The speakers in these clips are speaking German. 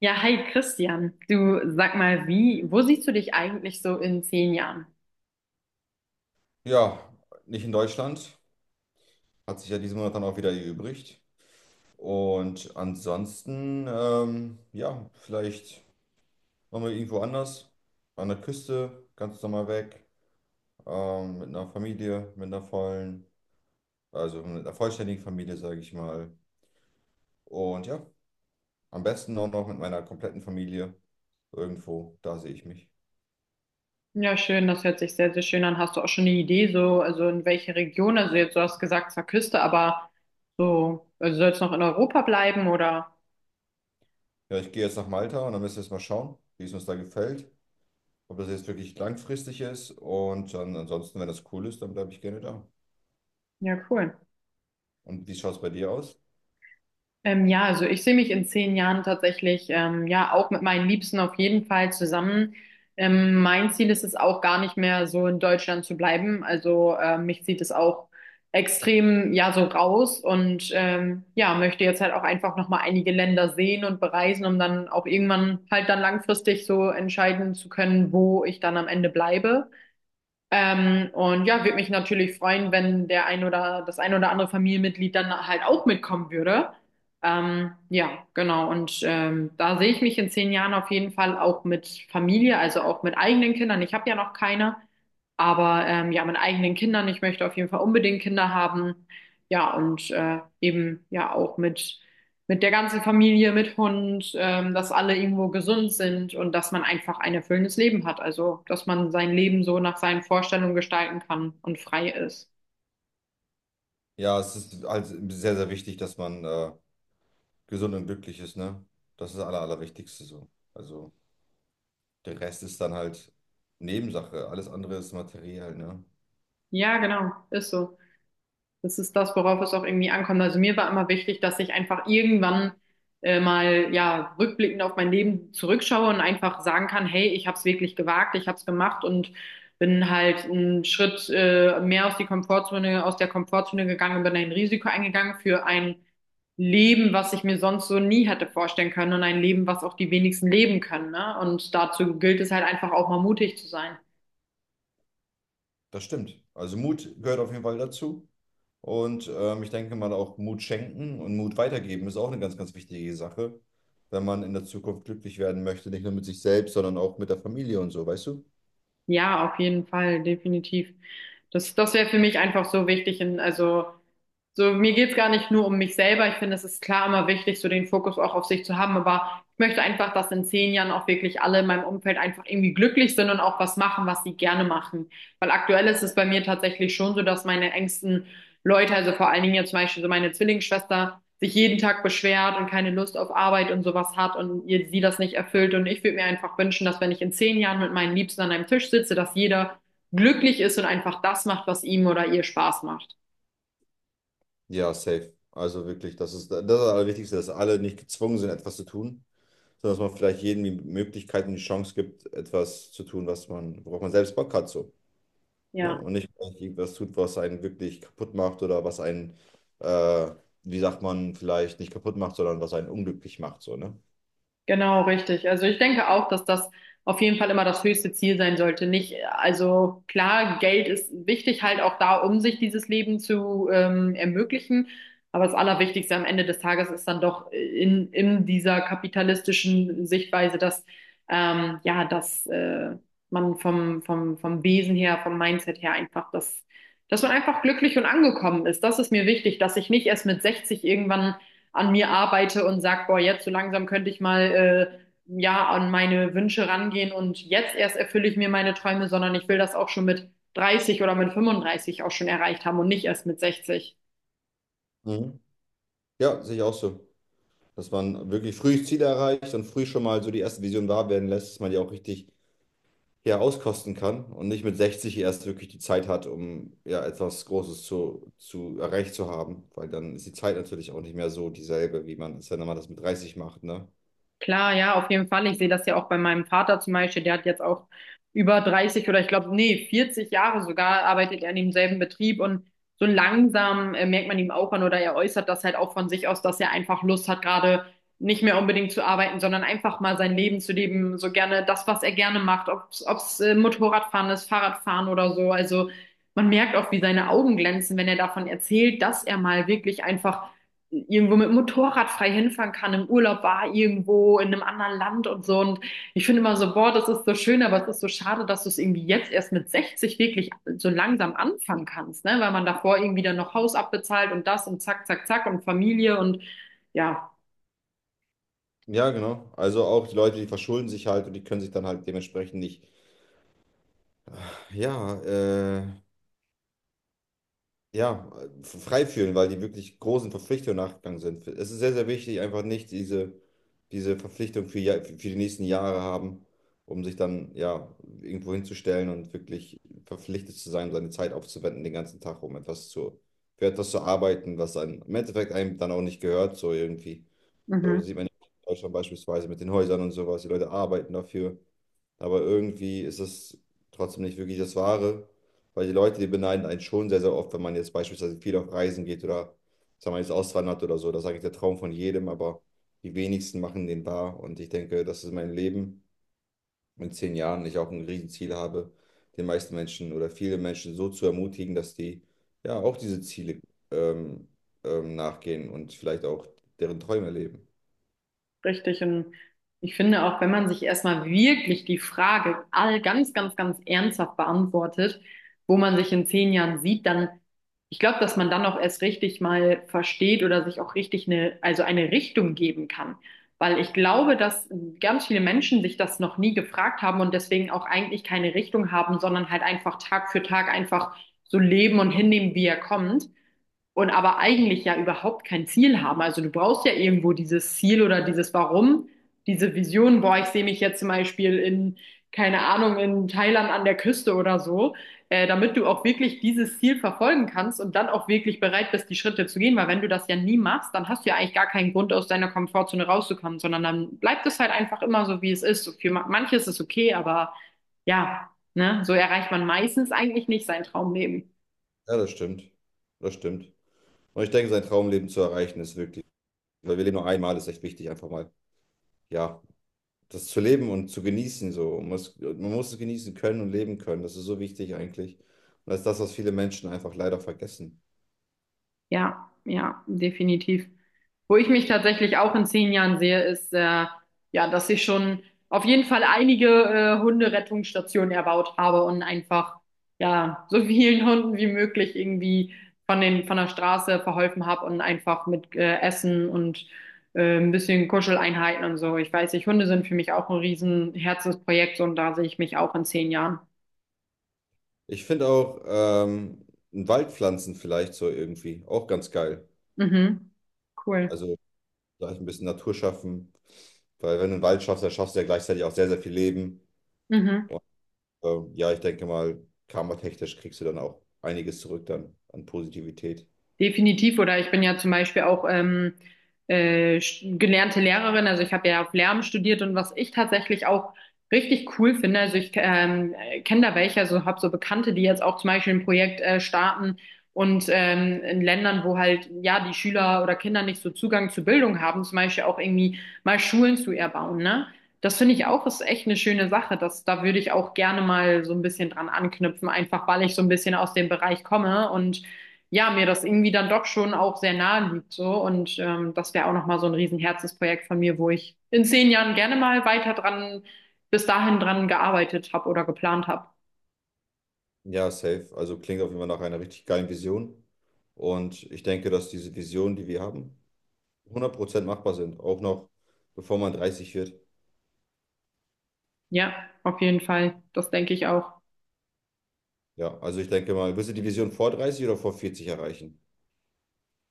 Ja, hi Christian. Du sag mal, wo siehst du dich eigentlich so in 10 Jahren? Ja, nicht in Deutschland. Hat sich ja diesen Monat dann auch wieder erübrigt. Und ansonsten, ja, vielleicht nochmal irgendwo anders. An der Küste, ganz normal weg. Mit einer Familie, mit einer vollen, also mit einer vollständigen Familie, sage ich mal. Und ja, am besten auch noch mit meiner kompletten Familie. Irgendwo, da sehe ich mich. Ja, schön, das hört sich sehr, sehr schön an. Hast du auch schon eine Idee, so, also in welche Region? Also jetzt, du hast gesagt, zwar Küste, aber so, also soll es noch in Europa bleiben oder? Ja, ich gehe jetzt nach Malta und dann müssen wir jetzt mal schauen, wie es uns da gefällt. Ob das jetzt wirklich langfristig ist. Und dann ansonsten, wenn das cool ist, dann bleibe ich gerne da. Ja, cool. Und wie schaut es bei dir aus? Ja, also ich sehe mich in 10 Jahren tatsächlich ja auch mit meinen Liebsten auf jeden Fall zusammen. Mein Ziel ist es auch gar nicht mehr so in Deutschland zu bleiben. Also mich zieht es auch extrem ja so raus und ja möchte jetzt halt auch einfach noch mal einige Länder sehen und bereisen, um dann auch irgendwann halt dann langfristig so entscheiden zu können, wo ich dann am Ende bleibe. Und ja, würde mich natürlich freuen, wenn der ein oder das ein oder andere Familienmitglied dann halt auch mitkommen würde. Ja, genau. Und da sehe ich mich in 10 Jahren auf jeden Fall auch mit Familie, also auch mit eigenen Kindern. Ich habe ja noch keine, aber ja, mit eigenen Kindern. Ich möchte auf jeden Fall unbedingt Kinder haben. Ja, und eben ja auch mit der ganzen Familie, mit Hund, dass alle irgendwo gesund sind und dass man einfach ein erfüllendes Leben hat. Also, dass man sein Leben so nach seinen Vorstellungen gestalten kann und frei ist. Ja, es ist halt sehr, sehr wichtig, dass man gesund und glücklich ist, ne? Das ist das Aller, Allerwichtigste so. Also der Rest ist dann halt Nebensache. Alles andere ist materiell, ne? Ja, genau, ist so. Das ist das, worauf es auch irgendwie ankommt. Also mir war immer wichtig, dass ich einfach irgendwann mal ja rückblickend auf mein Leben zurückschaue und einfach sagen kann, hey, ich habe es wirklich gewagt, ich habe es gemacht und bin halt einen Schritt mehr aus aus der Komfortzone gegangen und bin ein Risiko eingegangen für ein Leben, was ich mir sonst so nie hätte vorstellen können und ein Leben, was auch die wenigsten leben können, ne? Und dazu gilt es halt einfach auch mal mutig zu sein. Das stimmt. Also Mut gehört auf jeden Fall dazu. Und ich denke mal auch Mut schenken und Mut weitergeben ist auch eine ganz, ganz wichtige Sache, wenn man in der Zukunft glücklich werden möchte. Nicht nur mit sich selbst, sondern auch mit der Familie und so, weißt du? Ja, auf jeden Fall, definitiv. Das wäre für mich einfach so wichtig. Also so, mir geht's gar nicht nur um mich selber. Ich finde, es ist klar immer wichtig, so den Fokus auch auf sich zu haben. Aber ich möchte einfach, dass in 10 Jahren auch wirklich alle in meinem Umfeld einfach irgendwie glücklich sind und auch was machen, was sie gerne machen. Weil aktuell ist es bei mir tatsächlich schon so, dass meine engsten Leute, also vor allen Dingen jetzt zum Beispiel so meine Zwillingsschwester, sich jeden Tag beschwert und keine Lust auf Arbeit und sowas hat und sie das nicht erfüllt. Und ich würde mir einfach wünschen, dass wenn ich in 10 Jahren mit meinen Liebsten an einem Tisch sitze, dass jeder glücklich ist und einfach das macht, was ihm oder ihr Spaß macht. Ja, safe. Also wirklich, das ist das Allerwichtigste, dass alle nicht gezwungen sind, etwas zu tun, sondern dass man vielleicht jedem die Möglichkeit und die Chance gibt, etwas zu tun, was man, worauf man selbst Bock hat, so. Ja. Ne? Und nicht vielleicht irgendwas tut, was einen wirklich kaputt macht oder was einen, äh, wie sagt man, vielleicht nicht kaputt macht, sondern was einen unglücklich macht, so, ne? Genau, richtig. Also ich denke auch, dass das auf jeden Fall immer das höchste Ziel sein sollte. Nicht, also klar, Geld ist wichtig halt auch da, um sich dieses Leben zu ermöglichen. Aber das Allerwichtigste am Ende des Tages ist dann doch in dieser kapitalistischen Sichtweise, dass ja, dass man vom Wesen her, vom Mindset her einfach dass man einfach glücklich und angekommen ist. Das ist mir wichtig, dass ich nicht erst mit 60 irgendwann an mir arbeite und sage, boah, jetzt so langsam könnte ich mal ja an meine Wünsche rangehen und jetzt erst erfülle ich mir meine Träume, sondern ich will das auch schon mit 30 oder mit 35 auch schon erreicht haben und nicht erst mit 60. Mhm. Ja, sehe ich auch so. Dass man wirklich früh Ziele erreicht und früh schon mal so die erste Vision wahr werden lässt, dass man die auch richtig ja, auskosten kann und nicht mit 60 erst wirklich die Zeit hat, um ja etwas Großes zu erreicht zu haben, weil dann ist die Zeit natürlich auch nicht mehr so dieselbe, wie man es, wenn man das mit 30 macht, ne? Klar, ja, auf jeden Fall. Ich sehe das ja auch bei meinem Vater zum Beispiel. Der hat jetzt auch über 30 oder ich glaube, nee, 40 Jahre sogar arbeitet er in demselben Betrieb und so langsam merkt man ihm auch an oder er äußert das halt auch von sich aus, dass er einfach Lust hat, gerade nicht mehr unbedingt zu arbeiten, sondern einfach mal sein Leben zu leben, so gerne das, was er gerne macht, ob's, ob's Motorradfahren ist, Fahrradfahren oder so. Also man merkt auch, wie seine Augen glänzen, wenn er davon erzählt, dass er mal wirklich einfach irgendwo mit dem Motorrad frei hinfahren kann, im Urlaub war, irgendwo in einem anderen Land und so. Und ich finde immer so, boah, das ist so schön, aber es ist so schade, dass du es irgendwie jetzt erst mit 60 wirklich so langsam anfangen kannst, ne? Weil man davor irgendwie dann noch Haus abbezahlt und das und zack, zack, zack und Familie und ja. Ja, genau. Also auch die Leute, die verschulden sich halt und die können sich dann halt dementsprechend nicht, ja, ja, frei fühlen, weil die wirklich großen Verpflichtungen nachgegangen sind. Es ist sehr, sehr wichtig, einfach nicht diese Verpflichtung für, ja- für die nächsten Jahre haben, um sich dann ja irgendwo hinzustellen und wirklich verpflichtet zu sein, seine Zeit aufzuwenden, den ganzen Tag, um etwas für etwas zu arbeiten, was dann im Endeffekt einem dann auch nicht gehört, so irgendwie. So Mhm. sieht man in Deutschland beispielsweise mit den Häusern und sowas. Die Leute arbeiten dafür, aber irgendwie ist es trotzdem nicht wirklich das Wahre, weil die Leute, die beneiden einen schon sehr, sehr oft, wenn man jetzt beispielsweise viel auf Reisen geht oder sagen wir jetzt auswandert oder so. Das ist eigentlich der Traum von jedem, aber die wenigsten machen den wahr. Und ich denke, das ist mein Leben in 10 Jahren. Ich auch ein Riesenziel habe, den meisten Menschen oder viele Menschen so zu ermutigen, dass die ja auch diese Ziele ähm, nachgehen und vielleicht auch deren Träume leben. Richtig. Und ich finde auch, wenn man sich erstmal wirklich die Frage all ganz ernsthaft beantwortet, wo man sich in 10 Jahren sieht, dann, ich glaube, dass man dann auch erst richtig mal versteht oder sich auch richtig also eine Richtung geben kann. Weil ich glaube, dass ganz viele Menschen sich das noch nie gefragt haben und deswegen auch eigentlich keine Richtung haben, sondern halt einfach Tag für Tag einfach so leben und hinnehmen, wie er kommt und aber eigentlich ja überhaupt kein Ziel haben. Also du brauchst ja irgendwo dieses Ziel oder dieses Warum, diese Vision, boah, ich sehe mich jetzt zum Beispiel keine Ahnung, in Thailand an der Küste oder so, damit du auch wirklich dieses Ziel verfolgen kannst und dann auch wirklich bereit bist, die Schritte zu gehen. Weil wenn du das ja nie machst, dann hast du ja eigentlich gar keinen Grund, aus deiner Komfortzone rauszukommen, sondern dann bleibt es halt einfach immer so, wie es ist. So für manche ist es okay, aber ja, ne, so erreicht man meistens eigentlich nicht sein Traumleben. Ja, das stimmt. Das stimmt. Und ich denke, sein Traumleben zu erreichen ist wirklich. Weil wir leben nur einmal, ist echt wichtig, einfach mal, ja, das zu leben und zu genießen, so. Man muss es genießen können und leben können. Das ist so wichtig eigentlich. Und das ist das, was viele Menschen einfach leider vergessen. Ja, ja, definitiv. Wo ich mich tatsächlich auch in 10 Jahren sehe, ist, ja, dass ich schon auf jeden Fall einige Hunderettungsstationen erbaut habe und einfach, ja, so vielen Hunden wie möglich irgendwie von von der Straße verholfen habe und einfach mit Essen und ein bisschen Kuscheleinheiten und so. Ich weiß nicht, Hunde sind für mich auch ein riesen Herzensprojekt und da sehe ich mich auch in zehn Jahren. Ich finde auch ein Waldpflanzen vielleicht so irgendwie auch ganz geil. Mhm. Cool. Also vielleicht ein bisschen Natur schaffen, weil wenn du einen Wald schaffst, dann schaffst du ja gleichzeitig auch sehr, sehr viel Leben. Mhm. Ja, ich denke mal, karmatechnisch kriegst du dann auch einiges zurück dann an Positivität. Definitiv, oder ich bin ja zum Beispiel auch gelernte Lehrerin, also ich habe ja auf Lärm studiert und was ich tatsächlich auch richtig cool finde, also ich kenne da welche, also habe so Bekannte, die jetzt auch zum Beispiel ein Projekt starten und in Ländern, wo halt ja die Schüler oder Kinder nicht so Zugang zu Bildung haben, zum Beispiel auch irgendwie mal Schulen zu erbauen, ne? Das finde ich auch, ist echt eine schöne Sache. Da würde ich auch gerne mal so ein bisschen dran anknüpfen, einfach weil ich so ein bisschen aus dem Bereich komme und ja, mir das irgendwie dann doch schon auch sehr nahe liegt so und das wäre auch nochmal so ein riesen Herzensprojekt von mir, wo ich in 10 Jahren gerne mal weiter bis dahin dran gearbeitet habe oder geplant habe. Ja, safe. Also klingt auf jeden Fall nach einer richtig geilen Vision. Und ich denke, dass diese Visionen, die wir haben, 100% machbar sind. Auch noch bevor man 30 wird. Ja, auf jeden Fall. Das denke ich auch. Ja, also ich denke mal, willst du die Vision vor 30 oder vor 40 erreichen?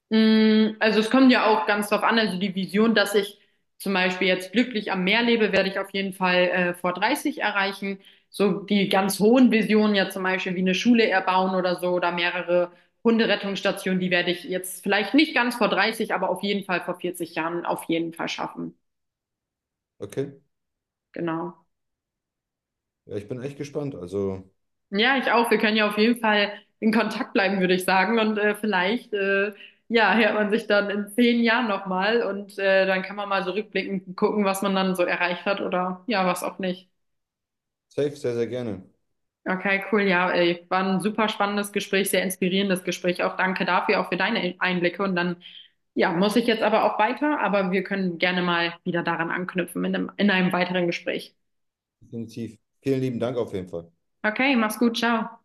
Mm, also es kommt ja auch ganz drauf an, also die Vision, dass ich zum Beispiel jetzt glücklich am Meer lebe, werde ich auf jeden Fall vor 30 erreichen. So die ganz hohen Visionen, ja zum Beispiel wie eine Schule erbauen oder so oder mehrere Hunderettungsstationen, die werde ich jetzt vielleicht nicht ganz vor 30, aber auf jeden Fall vor 40 Jahren auf jeden Fall schaffen. Okay. Genau. Ja, ich bin echt gespannt. Also Ja, ich auch. Wir können ja auf jeden Fall in Kontakt bleiben, würde ich sagen. Und ja, hört man sich dann in 10 Jahren nochmal und dann kann man mal so rückblickend gucken, was man dann so erreicht hat oder ja, was auch nicht. safe, sehr, sehr gerne. Okay, cool. Ja, ey, war ein super spannendes Gespräch, sehr inspirierendes Gespräch. Auch danke dafür, auch für deine Einblicke. Und dann, ja, muss ich jetzt aber auch weiter, aber wir können gerne mal wieder daran anknüpfen in in einem weiteren Gespräch. Definitiv. Vielen lieben Dank auf jeden Fall. Okay, mach's gut, ciao.